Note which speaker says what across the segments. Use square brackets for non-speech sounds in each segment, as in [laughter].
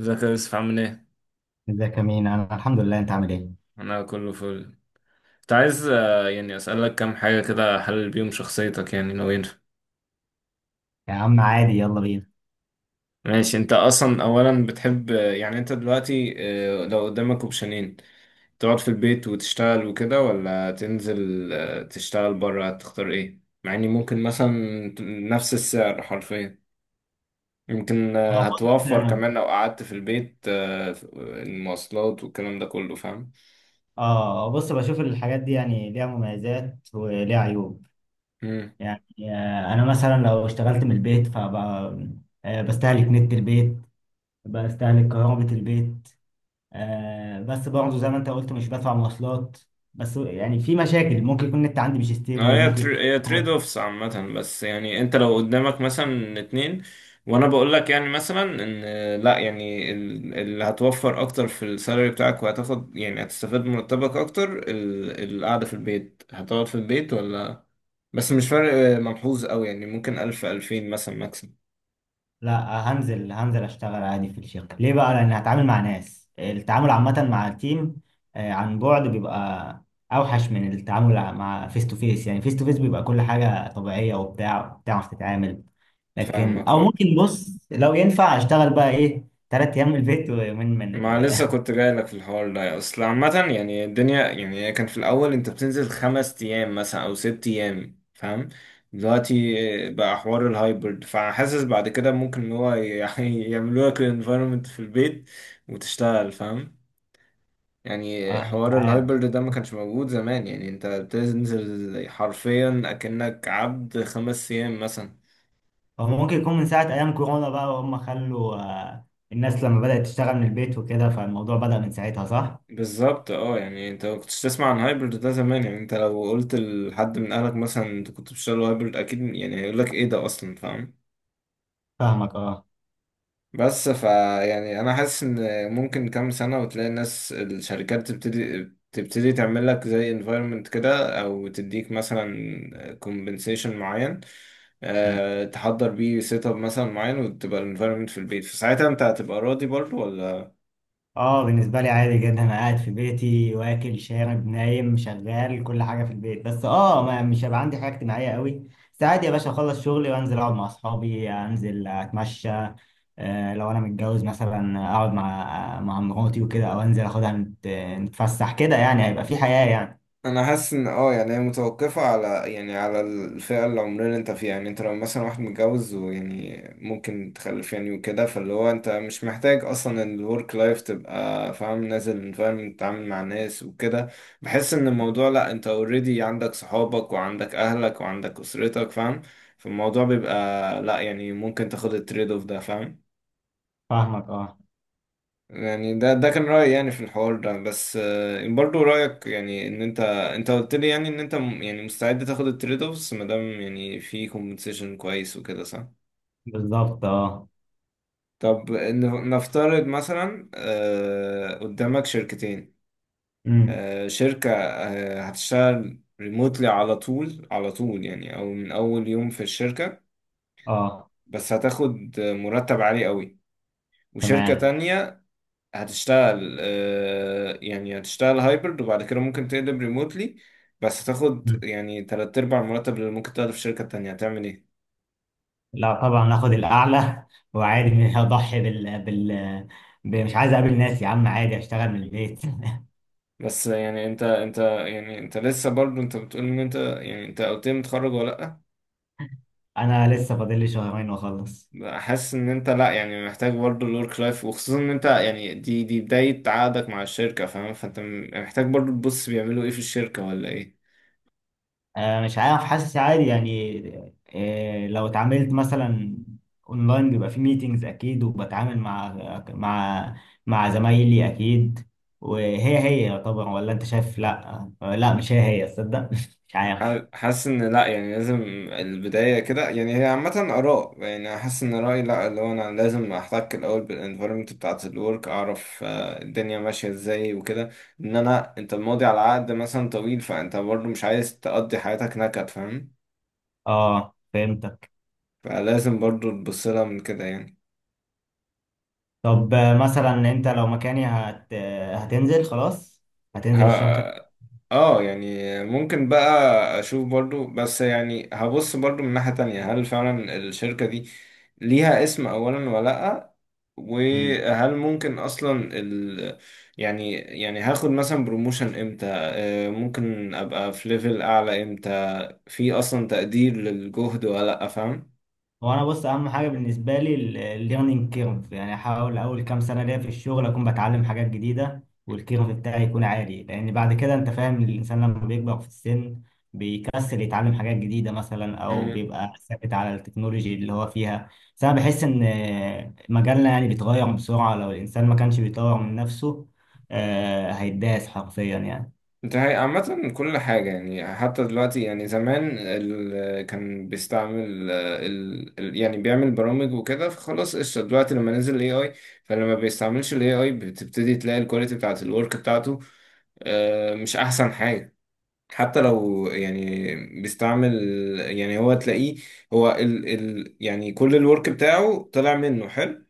Speaker 1: ازيك يا يوسف عامل ايه؟
Speaker 2: ازيك يا مين، انا الحمد لله، انت عامل ايه؟
Speaker 1: انا كله فل. كنت عايز يعني اسألك كام حاجة كده احلل بيهم شخصيتك يعني نوين.
Speaker 2: يا عم عادي، يلا بينا.
Speaker 1: ماشي، انت اصلا اولا بتحب، يعني انت دلوقتي، لو قدامك اوبشنين تقعد في البيت وتشتغل وكده، ولا تنزل تشتغل بره، هتختار ايه؟ مع اني ممكن مثلا نفس السعر حرفيا، يمكن
Speaker 2: اه، بص،
Speaker 1: هتوفر كمان لو قعدت في البيت، المواصلات والكلام ده كله، فاهم؟
Speaker 2: اه، بص، بشوف الحاجات دي، يعني ليها مميزات وليها عيوب. يعني انا مثلا لو اشتغلت من البيت، فبقى بستهلك نت البيت، بستهلك كهربة البيت. بس برضه زي ما انت قلت، مش بدفع مواصلات. بس يعني في مشاكل، ممكن يكون النت عندي مش
Speaker 1: اه،
Speaker 2: ستيبل، ممكن.
Speaker 1: هي تريد اوفس عامة. بس يعني انت لو قدامك مثلا اتنين، وانا بقول لك يعني مثلا ان، لا يعني اللي هتوفر اكتر في السالري بتاعك وهتاخد يعني هتستفاد من مرتبك اكتر، القعدة في البيت، هتقعد في البيت ولا؟ بس مش فرق ملحوظ قوي، يعني ممكن الف الفين مثلا ماكسيمم.
Speaker 2: لا، هنزل اشتغل عادي في الشركه. ليه بقى؟ لان هتعامل مع ناس، التعامل عامه مع التيم عن بعد بيبقى اوحش من التعامل مع فيس تو فيس. يعني فيس تو فيس بيبقى كل حاجه طبيعيه وبتاع، بتعرف تتعامل. لكن
Speaker 1: فاهمك
Speaker 2: او
Speaker 1: آه.
Speaker 2: ممكن، بص، لو ينفع اشتغل بقى ايه، ثلاث ايام من البيت ويومين من
Speaker 1: ما
Speaker 2: ال...
Speaker 1: لسه كنت جاي لك في الحوار ده. اصل عامة يعني الدنيا، يعني هي كان في الاول انت بتنزل 5 ايام مثلا او 6 ايام، فاهم؟ دلوقتي بقى حوار الهايبرد، فحاسس بعد كده ممكن ان هو يعني [laughs] يعملوا لك الانفايرمنت في البيت وتشتغل، فاهم؟ يعني
Speaker 2: اه، مش
Speaker 1: حوار
Speaker 2: عارف.
Speaker 1: الهايبرد ده ما كانش موجود زمان، يعني انت بتنزل حرفيا اكنك عبد 5 ايام مثلا.
Speaker 2: هو ممكن يكون من ساعه ايام كورونا بقى، وهم خلوا الناس لما بدات تشتغل من البيت وكده، فالموضوع بدأ من ساعتها، صح.
Speaker 1: بالظبط، اه، يعني انت ما كنتش تسمع عن هايبرد ده زمان، يعني انت لو قلت لحد من اهلك مثلا انت كنت بتشتغل هايبرد اكيد يعني هيقول لك ايه ده اصلا، فاهم؟
Speaker 2: فاهمك، اه.
Speaker 1: بس يعني انا حاسس ان ممكن كام سنة وتلاقي الناس، الشركات تبتدي تعمل لك زي environment كده، او تديك مثلا compensation معين، تحضر بيه سيت اب مثلا معين، وتبقى ال environment في البيت. فساعتها انت هتبقى راضي برضه ولا؟
Speaker 2: اه، بالنسبة لي عادي جدا، انا قاعد في بيتي، واكل شارب نايم شغال، كل حاجة في البيت، بس اه، ما مش هيبقى عندي حاجة اجتماعية قوي. بس عادي يا باشا، اخلص شغلي وانزل اقعد مع اصحابي، انزل اتمشى. آه، لو انا متجوز مثلا، اقعد مع مراتي وكده، او انزل اخدها نتفسح كده. يعني هيبقى في حياة، يعني.
Speaker 1: انا حاسس ان يعني هي متوقفه على يعني على الفئه العمريه اللي انت فيها. يعني انت لو مثلا واحد متجوز، ويعني ممكن تخلف يعني وكده، فاللي هو انت مش محتاج اصلا الورك لايف تبقى فاهم، نازل فاهم تتعامل مع ناس وكده. بحس ان الموضوع، لا، انت اوريدي عندك صحابك وعندك اهلك وعندك اسرتك، فاهم؟ فالموضوع بيبقى لا، يعني ممكن تاخد التريد اوف ده، فاهم؟
Speaker 2: فاهمك، اه.
Speaker 1: يعني ده كان رأيي يعني في الحوار ده. بس آه، برضو رأيك، يعني ان انت قلت لي يعني ان انت، يعني مستعد تاخد التريد اوفس، ما دام يعني في كومبنسيشن كويس وكده، صح؟
Speaker 2: بالظبط، اه.
Speaker 1: طب نفترض مثلا قدامك شركتين.
Speaker 2: امم.
Speaker 1: شركة هتشتغل ريموتلي على طول، على طول يعني، او من اول يوم في الشركة،
Speaker 2: اه.
Speaker 1: بس هتاخد مرتب عالي قوي. وشركة
Speaker 2: تمام.
Speaker 1: تانية هتشتغل، يعني هتشتغل هايبرد، وبعد كده ممكن تقلب ريموتلي، بس هتاخد يعني تلات أرباع المرتب اللي ممكن تاخده في شركة تانية. هتعمل ايه؟
Speaker 2: لا طبعا هاخد الاعلى [laughs] وعادي مش هضحي بال. مش عايز اقابل ناس يا عم، عادي اشتغل من البيت [laughs]
Speaker 1: بس يعني انت، يعني انت لسه برضو، انت بتقول ان انت، يعني انت قلت لي متخرج ولا
Speaker 2: انا لسه فاضل لي شهرين واخلص.
Speaker 1: لأ؟ حاسس ان انت لأ، يعني محتاج برضو الورك لايف، وخصوصا ان انت يعني دي بداية عقدك مع الشركة، فاهم؟ فانت محتاج برضو تبص بيعملوا ايه في الشركة، ولا ايه؟
Speaker 2: آه، مش عارف، حاسس عادي يعني. آه، لو اتعاملت مثلا اونلاين، بيبقى في ميتينجز اكيد، وبتعامل مع مع مع زمايلي اكيد. وهي هي طبعا، ولا انت شايف لا؟ لا، مش هي هي تصدق [laughs] مش عارف.
Speaker 1: حاسس ان لا، يعني لازم البداية كده. يعني هي عامة آراء. يعني حاسس ان رأيي لا، اللي هو انا لازم احتك الاول بالانفيرومنت بتاعة الورك، اعرف الدنيا ماشية ازاي وكده. ان انا، انت ماضي على عقد مثلا طويل، فانت برضو مش عايز تقضي حياتك نكد، فاهم؟
Speaker 2: اه، فهمت.
Speaker 1: فلازم برضو تبص لها من كده يعني.
Speaker 2: طب مثلا انت لو مكاني، هت... آه، هتنزل خلاص، هتنزل الشام كده.
Speaker 1: اه يعني ممكن بقى اشوف برضو، بس يعني هبص برضو من ناحية تانية، هل فعلا الشركة دي ليها اسم اولا ولا لأ؟
Speaker 2: امم.
Speaker 1: وهل ممكن اصلا ال، يعني هاخد مثلا بروموشن امتى، ممكن ابقى في ليفل اعلى امتى، في اصلا تقدير للجهد ولا لأ؟
Speaker 2: هو انا، بص، اهم حاجه بالنسبه لي الليرنينج كيرف. يعني احاول اول كام سنه ليا في الشغل اكون بتعلم حاجات جديده، والكيرف بتاعي يكون عالي، لان بعد كده، انت فاهم، الانسان لما بيكبر في السن بيكسل يتعلم حاجات جديده مثلا، او
Speaker 1: فاهم؟
Speaker 2: بيبقى ثابت على التكنولوجي اللي هو فيها. بس انا بحس ان مجالنا يعني بيتغير بسرعه، لو الانسان ما كانش بيطور من نفسه هيتداس حرفيا.
Speaker 1: ده هي عامة كل حاجة يعني. حتى دلوقتي، يعني زمان كان بيستعمل يعني بيعمل برامج وكده، فخلاص قشطة. دلوقتي لما نزل ال AI، فلما ما بيستعملش ال AI بتبتدي تلاقي الكواليتي بتاعت الورك بتاعته مش أحسن حاجة. حتى لو يعني بيستعمل، يعني هو تلاقيه، هو يعني كل الورك بتاعه طلع منه حلو،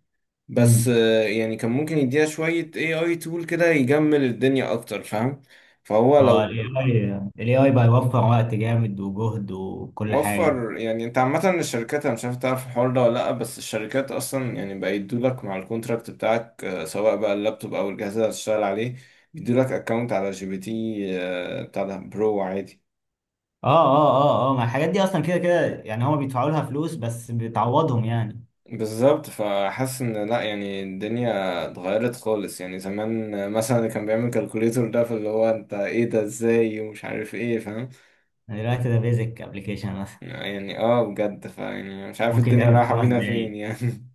Speaker 1: بس
Speaker 2: يعني
Speaker 1: آه، يعني كان ممكن يديها شوية AI tool كده يجمل الدنيا أكتر، فاهم؟ فهو
Speaker 2: هو
Speaker 1: لو،
Speaker 2: ال AI بقى يوفر وقت جامد وجهد وكل حاجة.
Speaker 1: وفر يعني. انت عامة الشركات، انا مش عارف تعرف الحوار ده ولا لأ، بس الشركات اصلا يعني بقى يدولك مع الكونتراكت بتاعك سواء بقى اللابتوب او الجهاز اللي هتشتغل عليه، يدولك اكونت على جي بي تي بتاع ده، برو عادي.
Speaker 2: اه اه اه اه، ما الحاجات دي اصلا كده كده، يعني هما بيدفعوا لها فلوس، بس بتعوضهم يعني.
Speaker 1: بالظبط. فحاسس ان لأ، يعني الدنيا اتغيرت خالص. يعني زمان مثلا اللي كان بيعمل كالكوليتور ده، فاللي هو انت ايه ده ازاي ومش عارف ايه، فاهم؟
Speaker 2: يعني دلوقتي ده بيزك ابلكيشن مثلا،
Speaker 1: يعني اه، بجد، فيعني مش عارف
Speaker 2: ممكن
Speaker 1: الدنيا
Speaker 2: يتعمل في
Speaker 1: رايحة
Speaker 2: خمس
Speaker 1: بينا فين
Speaker 2: دقايق.
Speaker 1: يعني.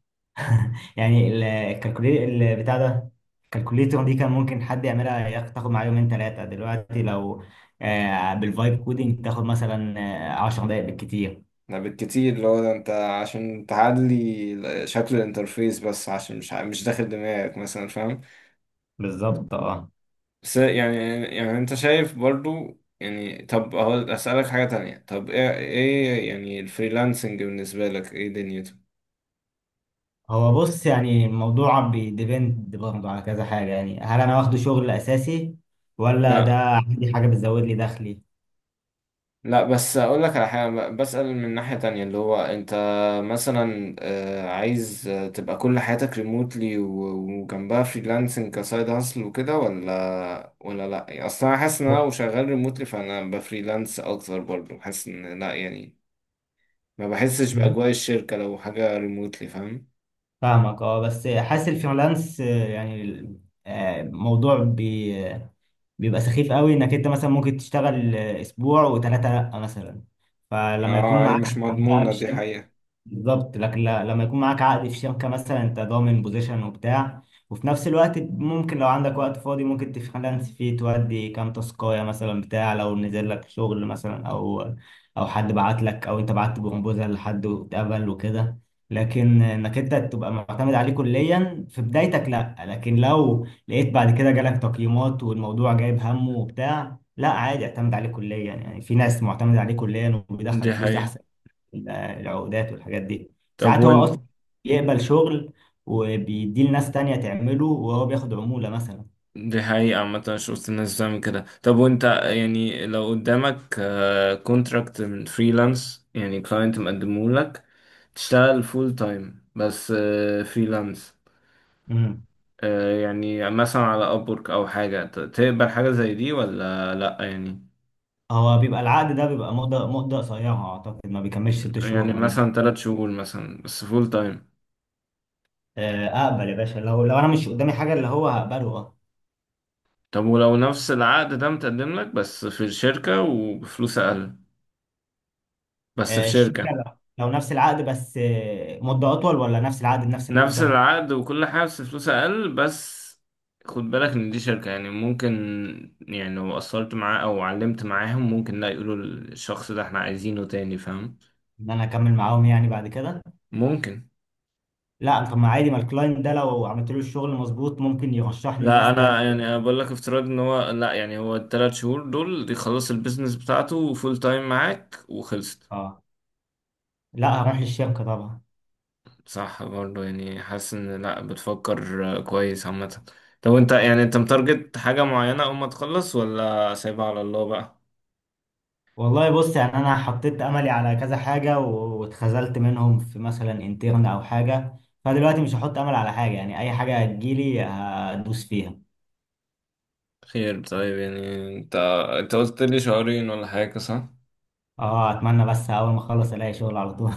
Speaker 2: يعني الكالكوليتر بتاع ده، الكالكوليتر دي كان ممكن حد يعملها، تاخد معاه يومين ثلاثة. دلوقتي لو بالفايب كودينج، تاخد مثلا 10 دقايق بالكتير.
Speaker 1: ده بالكتير، اللي هو ده انت عشان تعدلي شكل الانترفيس بس، عشان مش مش داخل دماغك مثلا، فاهم؟
Speaker 2: بالظبط، اه.
Speaker 1: بس يعني، يعني انت شايف برضو. يعني طب اهو اسألك حاجة تانية، طب ايه، ايه يعني الفريلانسنج بالنسبة لك، ايه دنيته؟
Speaker 2: هو، بص، يعني الموضوع بيديبند برضه على كذا حاجة. يعني هل أنا واخده شغل أساسي، ولا ده
Speaker 1: لا،
Speaker 2: عندي حاجة بتزود لي دخلي؟
Speaker 1: لا، بس اقول لك على حاجه، بسأل من ناحيه تانية، اللي هو انت مثلا عايز تبقى كل حياتك ريموتلي وجنبها فريلانسنج كسايد هاسل وكده، ولا، لا يعني اصلا انا حاسس ان انا
Speaker 2: ب-
Speaker 1: لو شغال ريموتلي فانا بفريلانس اكتر برضه، حاسس ان لا، يعني ما بحسش باجواء الشركه لو حاجه ريموتلي، فاهم؟
Speaker 2: فاهمك، اه. بس حاسس الفريلانس يعني موضوع بيبقى سخيف قوي، انك انت مثلا ممكن تشتغل اسبوع وثلاثة لا مثلا. فلما يكون
Speaker 1: اه هي مش
Speaker 2: معاك عدد بقى في
Speaker 1: مضمونة دي
Speaker 2: الشركة.
Speaker 1: حقيقة.
Speaker 2: بالظبط. لكن لما يكون معاك عقد في شركة مثلا، انت ضامن بوزيشن وبتاع. وفي نفس الوقت، ممكن لو عندك وقت فاضي، ممكن تفريلانس فيه، تودي كام تاسكاية مثلا بتاع، لو نزل لك شغل مثلا، او حد بعت لك، او انت بعت بروبوزال لحد واتقبل وكده. لكن انك انت تبقى معتمد عليه كليا في بدايتك، لا. لكن لو لقيت بعد كده جالك تقييمات والموضوع جايب همه وبتاع، لا عادي، اعتمد عليه كليا. يعني في ناس معتمد عليه كليا وبيدخل
Speaker 1: دي
Speaker 2: فلوس
Speaker 1: حقيقة.
Speaker 2: احسن. العقودات والحاجات دي،
Speaker 1: طب
Speaker 2: ساعات هو اصلا
Speaker 1: وين.
Speaker 2: يقبل شغل، وبيديه لناس تانية تعمله، وهو بياخد عمولة مثلا.
Speaker 1: دي حقيقة عامة، شفت الناس بتعمل كده. طب وانت يعني لو قدامك كونتراكت من فريلانس يعني، كلاينت مقدمه لك تشتغل فول تايم بس فريلانس،
Speaker 2: امم.
Speaker 1: يعني مثلا على ابورك او حاجة، تقبل حاجة زي دي ولا لا يعني؟
Speaker 2: هو بيبقى العقد ده بيبقى مدة مدة قصيرة، اعتقد ما بيكملش ست شهور
Speaker 1: يعني
Speaker 2: ولا.
Speaker 1: مثلا 3 شهور مثلا بس فول تايم.
Speaker 2: اقبل يا باشا، لو انا مش قدامي حاجة، اللي هو هقبله، اه.
Speaker 1: طب ولو نفس العقد ده متقدم لك، بس في الشركة وبفلوس اقل، بس في
Speaker 2: الشركة،
Speaker 1: شركة،
Speaker 2: لو نفس العقد بس مدة اطول، ولا نفس العقد بنفس
Speaker 1: نفس
Speaker 2: المدة؟
Speaker 1: العقد وكل حاجة بس فلوس أقل بس. خد بالك إن دي شركة يعني، ممكن يعني لو قصرت معاه أو علمت معاهم ممكن، لا، يقولوا الشخص ده احنا عايزينه تاني، فاهم؟
Speaker 2: ان انا اكمل معاهم يعني بعد كده.
Speaker 1: ممكن.
Speaker 2: لا طب، ما عادي، ما الكلاينت ده لو عملت له الشغل مظبوط، ممكن يرشحني
Speaker 1: لا،
Speaker 2: لناس
Speaker 1: أنا
Speaker 2: تانية.
Speaker 1: يعني، أنا بقول لك افتراض إن هو، لا، يعني هو التلات شهور دول يخلص البيزنس بتاعته فول تايم معاك وخلصت.
Speaker 2: اه، لا هروح للشركة طبعا.
Speaker 1: صح برضه، يعني حاسس إن لا، بتفكر كويس عامة. طب أنت يعني، أنت متارجت حاجة معينة أول ما تخلص، ولا سايبها على الله بقى؟
Speaker 2: والله، بص، يعني انا حطيت املي على كذا حاجه، واتخذلت منهم في مثلا انترن او حاجه. فدلوقتي مش هحط امل على حاجه، يعني اي حاجه هتجيلي هدوس فيها.
Speaker 1: خير. طيب، يعني انت قلت لي شهرين ولا حاجة، صح؟
Speaker 2: اه، اتمنى بس اول ما اخلص الاقي شغل على طول.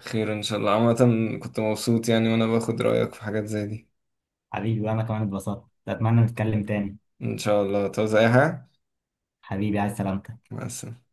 Speaker 1: خير ان شاء الله. عامة كنت مبسوط يعني وانا باخد رأيك في حاجات زي دي.
Speaker 2: [laughs] حبيبي، وانا كمان اتبسطت، اتمنى نتكلم تاني.
Speaker 1: ان شاء الله، تعوز اي حاجة؟
Speaker 2: حبيبي، عايز سلامتك.
Speaker 1: مع السلامة.